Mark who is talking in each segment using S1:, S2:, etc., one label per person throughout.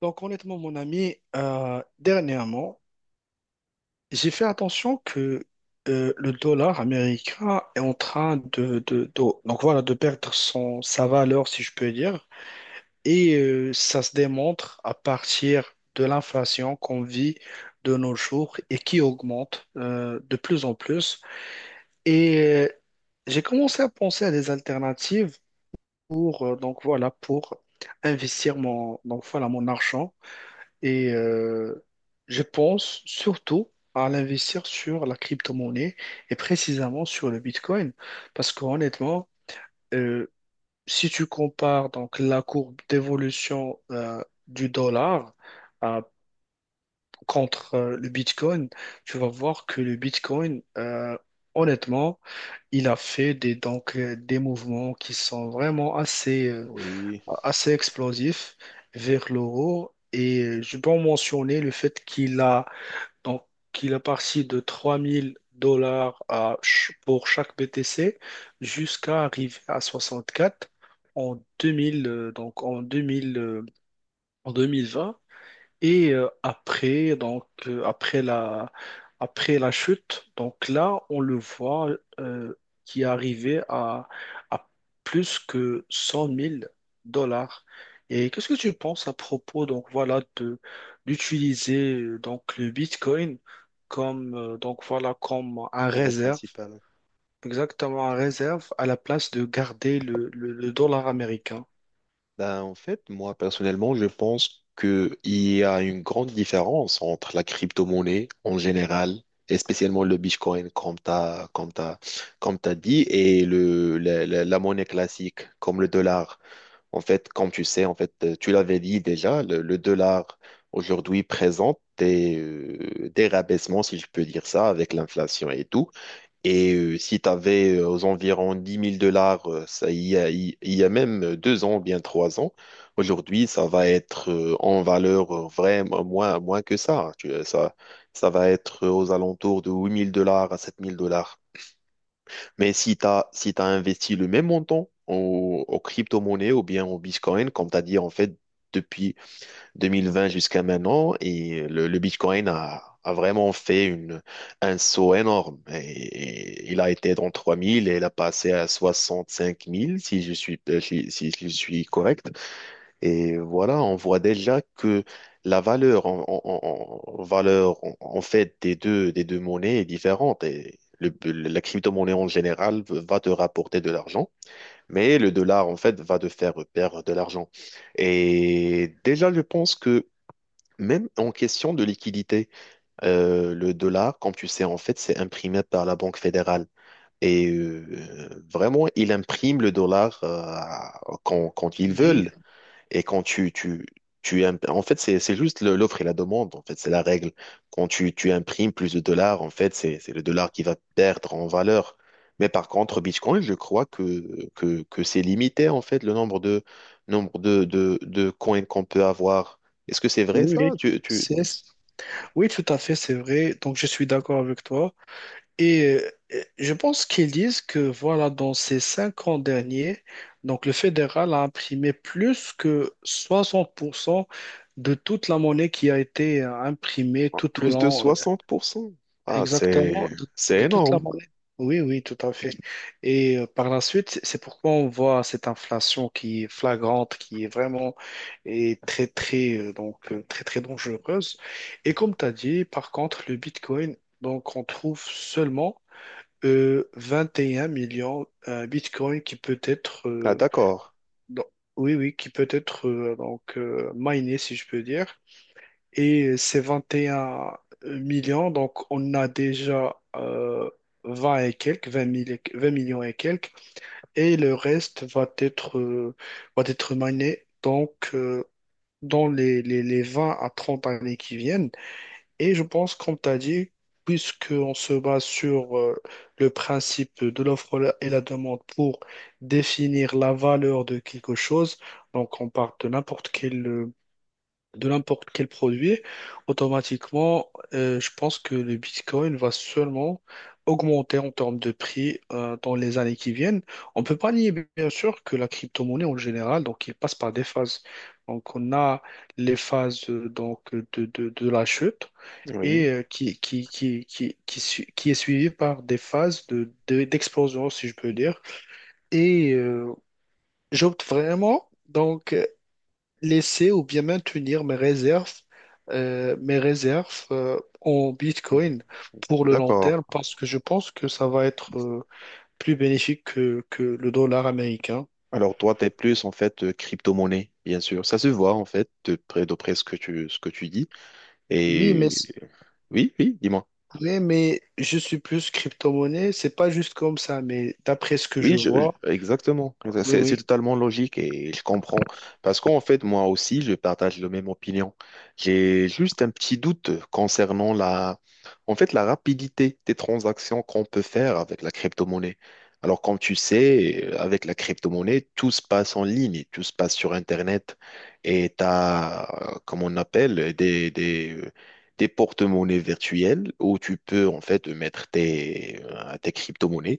S1: Donc honnêtement, mon ami, dernièrement, j'ai fait attention que le dollar américain est en train donc voilà, de perdre sa valeur, si je peux dire. Et ça se démontre à partir de l'inflation qu'on vit de nos jours et qui augmente de plus en plus. Et euh, j'ai commencé à penser à des alternatives donc voilà, pour investir donc voilà, mon argent. Et je pense surtout à l'investir sur la crypto-monnaie et précisément sur le Bitcoin. Parce qu'honnêtement, euh, si tu compares donc la courbe d'évolution du dollar euh, contre le Bitcoin, tu vas voir que le Bitcoin, honnêtement, il a fait donc, des mouvements qui sont vraiment
S2: Oui,
S1: assez explosifs vers l'euro. Et je peux en mentionner le fait qu'il a donc, il est parti de 3 000 dollars pour chaque BTC jusqu'à arriver à 64 en 2000, euh, donc en 2000, euh, en 2020. Et après, après la chute, donc là, on le voit euh, qui est arrivé à plus que 100 000 dollars. Et qu'est-ce que tu penses à propos, donc voilà, de d'utiliser donc le Bitcoin comme donc voilà comme un
S2: mon aide
S1: réserve,
S2: principale.
S1: exactement un réserve à la place de garder le dollar américain.
S2: Ben, en fait, moi, personnellement, je pense qu'il y a une grande différence entre la crypto-monnaie en général, et spécialement le Bitcoin, comme tu as, comme t'as dit, et la monnaie classique, comme le dollar. En fait, comme tu sais, en fait, tu l'avais dit déjà, le dollar aujourd'hui présente des rabaissements, si je peux dire ça, avec l'inflation et tout. Et si tu avais aux environs 10 000 dollars, il y a même 2 ans ou bien 3 ans, aujourd'hui, ça va être en valeur vraiment moins que ça. Hein. Tu vois, ça va être aux alentours de 8 000 dollars à 7 000 dollars. Mais si tu investi le même montant aux crypto-monnaies ou bien au Bitcoin, comme tu as dit, en fait, depuis 2020 jusqu'à maintenant et le Bitcoin a vraiment fait un saut énorme. Et il a été dans 3000 et il a passé à 65 000 si je suis correct. Et voilà, on voit déjà que la valeur en valeur en fait des deux monnaies est différente. Et la crypto-monnaie en général va te rapporter de l'argent. Mais le dollar, en fait, va te faire perdre de l'argent. Et déjà, je pense que même en question de liquidité, le dollar, comme tu sais, en fait, c'est imprimé par la Banque fédérale. Et vraiment, ils impriment le dollar quand ils
S1: Oui,
S2: veulent. Et quand tu imp- En fait, c'est juste l'offre et la demande, en fait, c'est la règle. Quand tu imprimes plus de dollars, en fait, c'est le dollar qui va perdre en valeur. Mais par contre, Bitcoin, je crois que c'est limité, en fait, le nombre de coins qu'on peut avoir. Est-ce que c'est vrai
S1: oui,
S2: ça?
S1: oui. C'est Oui, tout à fait, c'est vrai. Donc, je suis d'accord avec toi. Et je pense qu'ils disent que, voilà, dans ces 5 ans derniers, donc le fédéral a imprimé plus que 60% de toute la monnaie qui a été imprimée tout au
S2: Plus de
S1: long,
S2: 60%. Ah,
S1: exactement, de,
S2: c'est
S1: de toute la
S2: énorme.
S1: monnaie. Oui, oui, tout à fait. Et par la suite, c'est pourquoi on voit cette inflation qui est flagrante, qui est vraiment est très, très, donc, très, très dangereuse. Et comme tu as dit, par contre, le Bitcoin, donc, on trouve seulement 21 millions Bitcoin qui peut être,
S2: Ah, d'accord.
S1: donc, oui, oui, qui peut être donc, miné, si je peux dire, et c'est 21 millions. Donc, on a déjà 20 et quelques, 20 millions et quelques. Et le reste va être mané donc, dans les 20 à 30 années qui viennent. Et je pense, comme tu as dit, puisqu'on se base sur le principe de l'offre et la demande pour définir la valeur de quelque chose, donc on part de n'importe quel produit, automatiquement, je pense que le Bitcoin va seulement augmenter en termes de prix dans les années qui viennent. On ne peut pas nier, bien sûr, que la crypto-monnaie en général, donc, il passe par des phases. Donc, on a les phases donc, de la chute et
S2: Oui,
S1: qui est suivie par des phases d'explosion, si je peux dire. Et j'opte vraiment. Donc, laisser ou bien maintenir mes réserves en Bitcoin pour le long
S2: d'accord.
S1: terme parce que je pense que ça va être plus bénéfique que le dollar américain.
S2: Alors toi, t'es plus en fait crypto-monnaie, bien sûr. Ça se voit en fait de près ce que tu dis.
S1: Oui, mais,
S2: Et oui, oui, dis-moi.
S1: je suis plus crypto-monnaie, c'est pas juste comme ça, mais d'après ce que je
S2: Oui,
S1: vois,
S2: exactement.
S1: oui,
S2: C'est
S1: oui,
S2: totalement logique et je comprends. Parce qu'en fait, moi aussi, je partage le même opinion. J'ai juste un petit doute concernant en fait, la rapidité des transactions qu'on peut faire avec la crypto-monnaie. Alors, comme tu sais, avec la crypto-monnaie, tout se passe en ligne, tout se passe sur Internet. Et tu as, comme on appelle, des porte-monnaies virtuelles où tu peux, en fait, mettre tes crypto-monnaies.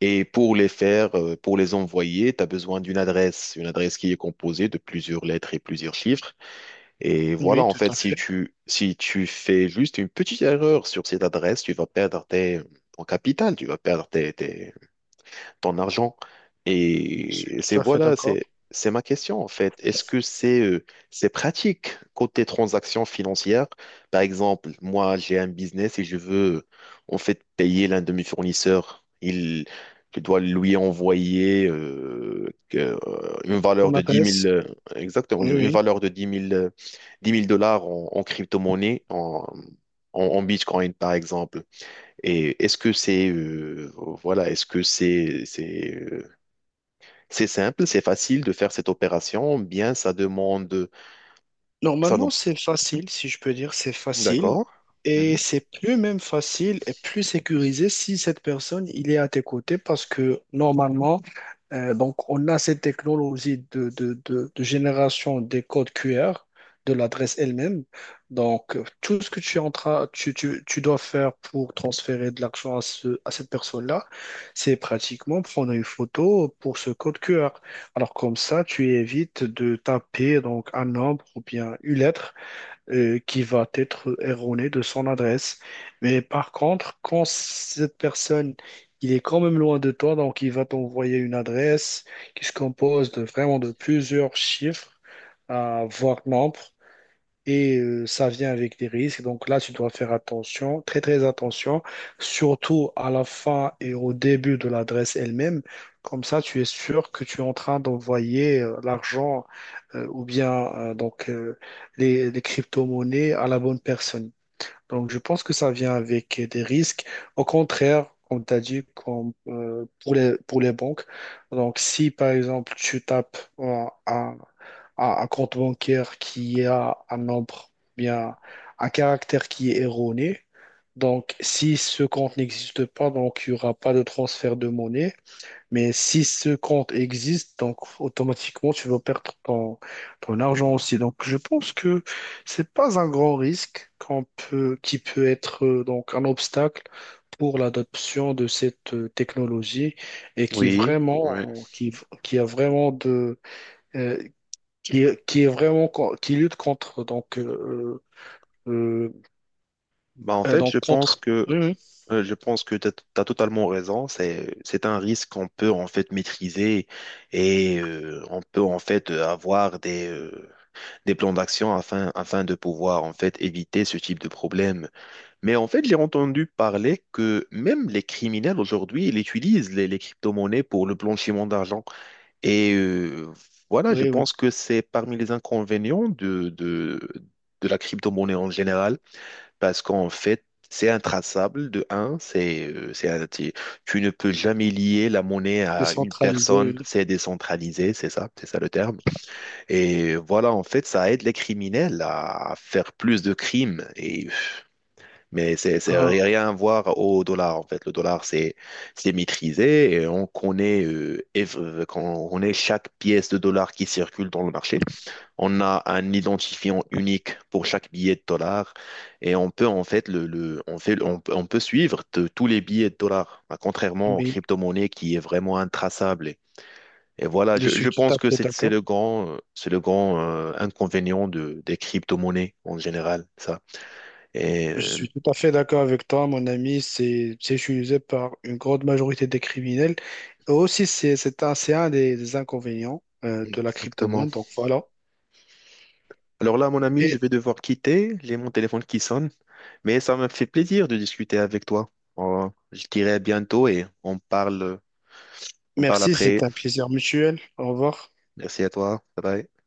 S2: Et pour les envoyer, tu as besoin d'une adresse, une adresse qui est composée de plusieurs lettres et plusieurs chiffres. Et voilà,
S1: oui,
S2: en
S1: tout
S2: fait,
S1: à
S2: si
S1: fait,
S2: tu, si tu fais juste une petite erreur sur cette adresse, tu vas perdre ton capital, tu vas perdre ton argent.
S1: je suis
S2: Et c'est
S1: tout à fait
S2: voilà,
S1: d'accord.
S2: c'est ma question en fait. Est-ce que c'est pratique côté transactions financières? Par exemple, moi j'ai un business et je veux en fait payer l'un de mes fournisseurs. Il Je dois lui envoyer une valeur
S1: Ton
S2: de 10 000
S1: adresse,
S2: exactement,
S1: oui,
S2: une
S1: oui.
S2: valeur de 10 000 10 000 dollars en crypto-monnaie, en Bitcoin par exemple. Et est-ce que c'est voilà, est-ce que c'est simple, c'est facile de faire cette opération, bien ça demande ça non.
S1: Normalement, c'est facile, si je peux dire, c'est facile.
S2: D'accord.
S1: Et
S2: Mhm.
S1: c'est plus même facile et plus sécurisé si cette personne, il est à tes côtés parce que normalement, donc on a cette technologie de génération des codes QR de l'adresse elle-même. Donc, tout ce que tu, es en train- tu dois faire pour transférer de l'argent à cette personne-là, c'est pratiquement prendre une photo pour ce code QR. Alors comme ça, tu évites de taper donc un nombre ou bien une lettre qui va être erronée de son adresse. Mais par contre, quand cette personne, il est quand même loin de toi, donc il va t'envoyer une adresse qui se compose de vraiment de plusieurs chiffres, à voire nombres, et ça vient avec des risques. Donc là, tu dois faire attention, très très attention, surtout à la fin et au début de l'adresse elle-même. Comme ça, tu es sûr que tu es en train d'envoyer l'argent ou bien les crypto-monnaies à la bonne personne. Donc, je pense que ça vient avec des risques. Au contraire, comme tu as dit, pour les banques. Donc, si par exemple, tu tapes un compte bancaire qui a un nombre, bien, un caractère qui est erroné, donc, si ce compte n'existe pas, donc il n'y aura pas de transfert de monnaie. Mais si ce compte existe, donc automatiquement, tu vas perdre ton argent aussi. Donc, je pense que c'est pas un grand risque qu'on peut, qui peut être donc un obstacle pour l'adoption de cette technologie et qui
S2: Oui. Ouais.
S1: vraiment, qui a vraiment de, euh, qui est vraiment, qui lutte contre, donc, euh,
S2: Bah en
S1: euh,
S2: fait,
S1: donc contre, oui, oui,
S2: je pense que tu as totalement raison, c'est un risque qu'on peut en fait maîtriser et on peut en fait avoir des plans d'action afin de pouvoir en fait éviter ce type de problème. Mais en fait, j'ai entendu parler que même les criminels aujourd'hui, ils utilisent les crypto-monnaies pour le blanchiment d'argent. Et voilà, je
S1: oui, oui,
S2: pense que c'est parmi les inconvénients de la crypto-monnaie en général, parce qu'en fait, c'est intraçable de un, tu ne peux jamais lier la monnaie à une
S1: décentralisé,
S2: personne,
S1: oui.
S2: c'est décentralisé, c'est ça le terme. Et voilà, en fait, ça aide les criminels à faire plus de crimes mais c'est
S1: Ah,
S2: rien à voir au dollar, en fait. Le dollar, c'est maîtrisé et quand on connaît chaque pièce de dollar qui circule dans le marché. On a un identifiant unique pour chaque billet de dollar et on peut, en fait, le- on fait, on peut suivre tous les billets de dollar, ah, contrairement aux
S1: oui,
S2: crypto-monnaies qui est vraiment intraçable. Et voilà,
S1: je
S2: je
S1: suis tout
S2: pense
S1: à
S2: que
S1: fait d'accord.
S2: c'est le grand inconvénient des crypto-monnaies en général, ça. Et,
S1: Je
S2: euh,
S1: suis tout à fait d'accord avec toi, mon ami. C'est utilisé par une grande majorité des criminels. Et aussi, c'est un des inconvénients de la
S2: Exactement.
S1: crypto-monnaie. Donc voilà.
S2: Alors là, mon ami, je
S1: Et
S2: vais devoir quitter. J'ai mon téléphone qui sonne, mais ça m'a fait plaisir de discuter avec toi. Oh, je dirai à bientôt et on parle
S1: merci, c'est
S2: après.
S1: un plaisir mutuel. Au revoir.
S2: Merci à toi. Bye bye.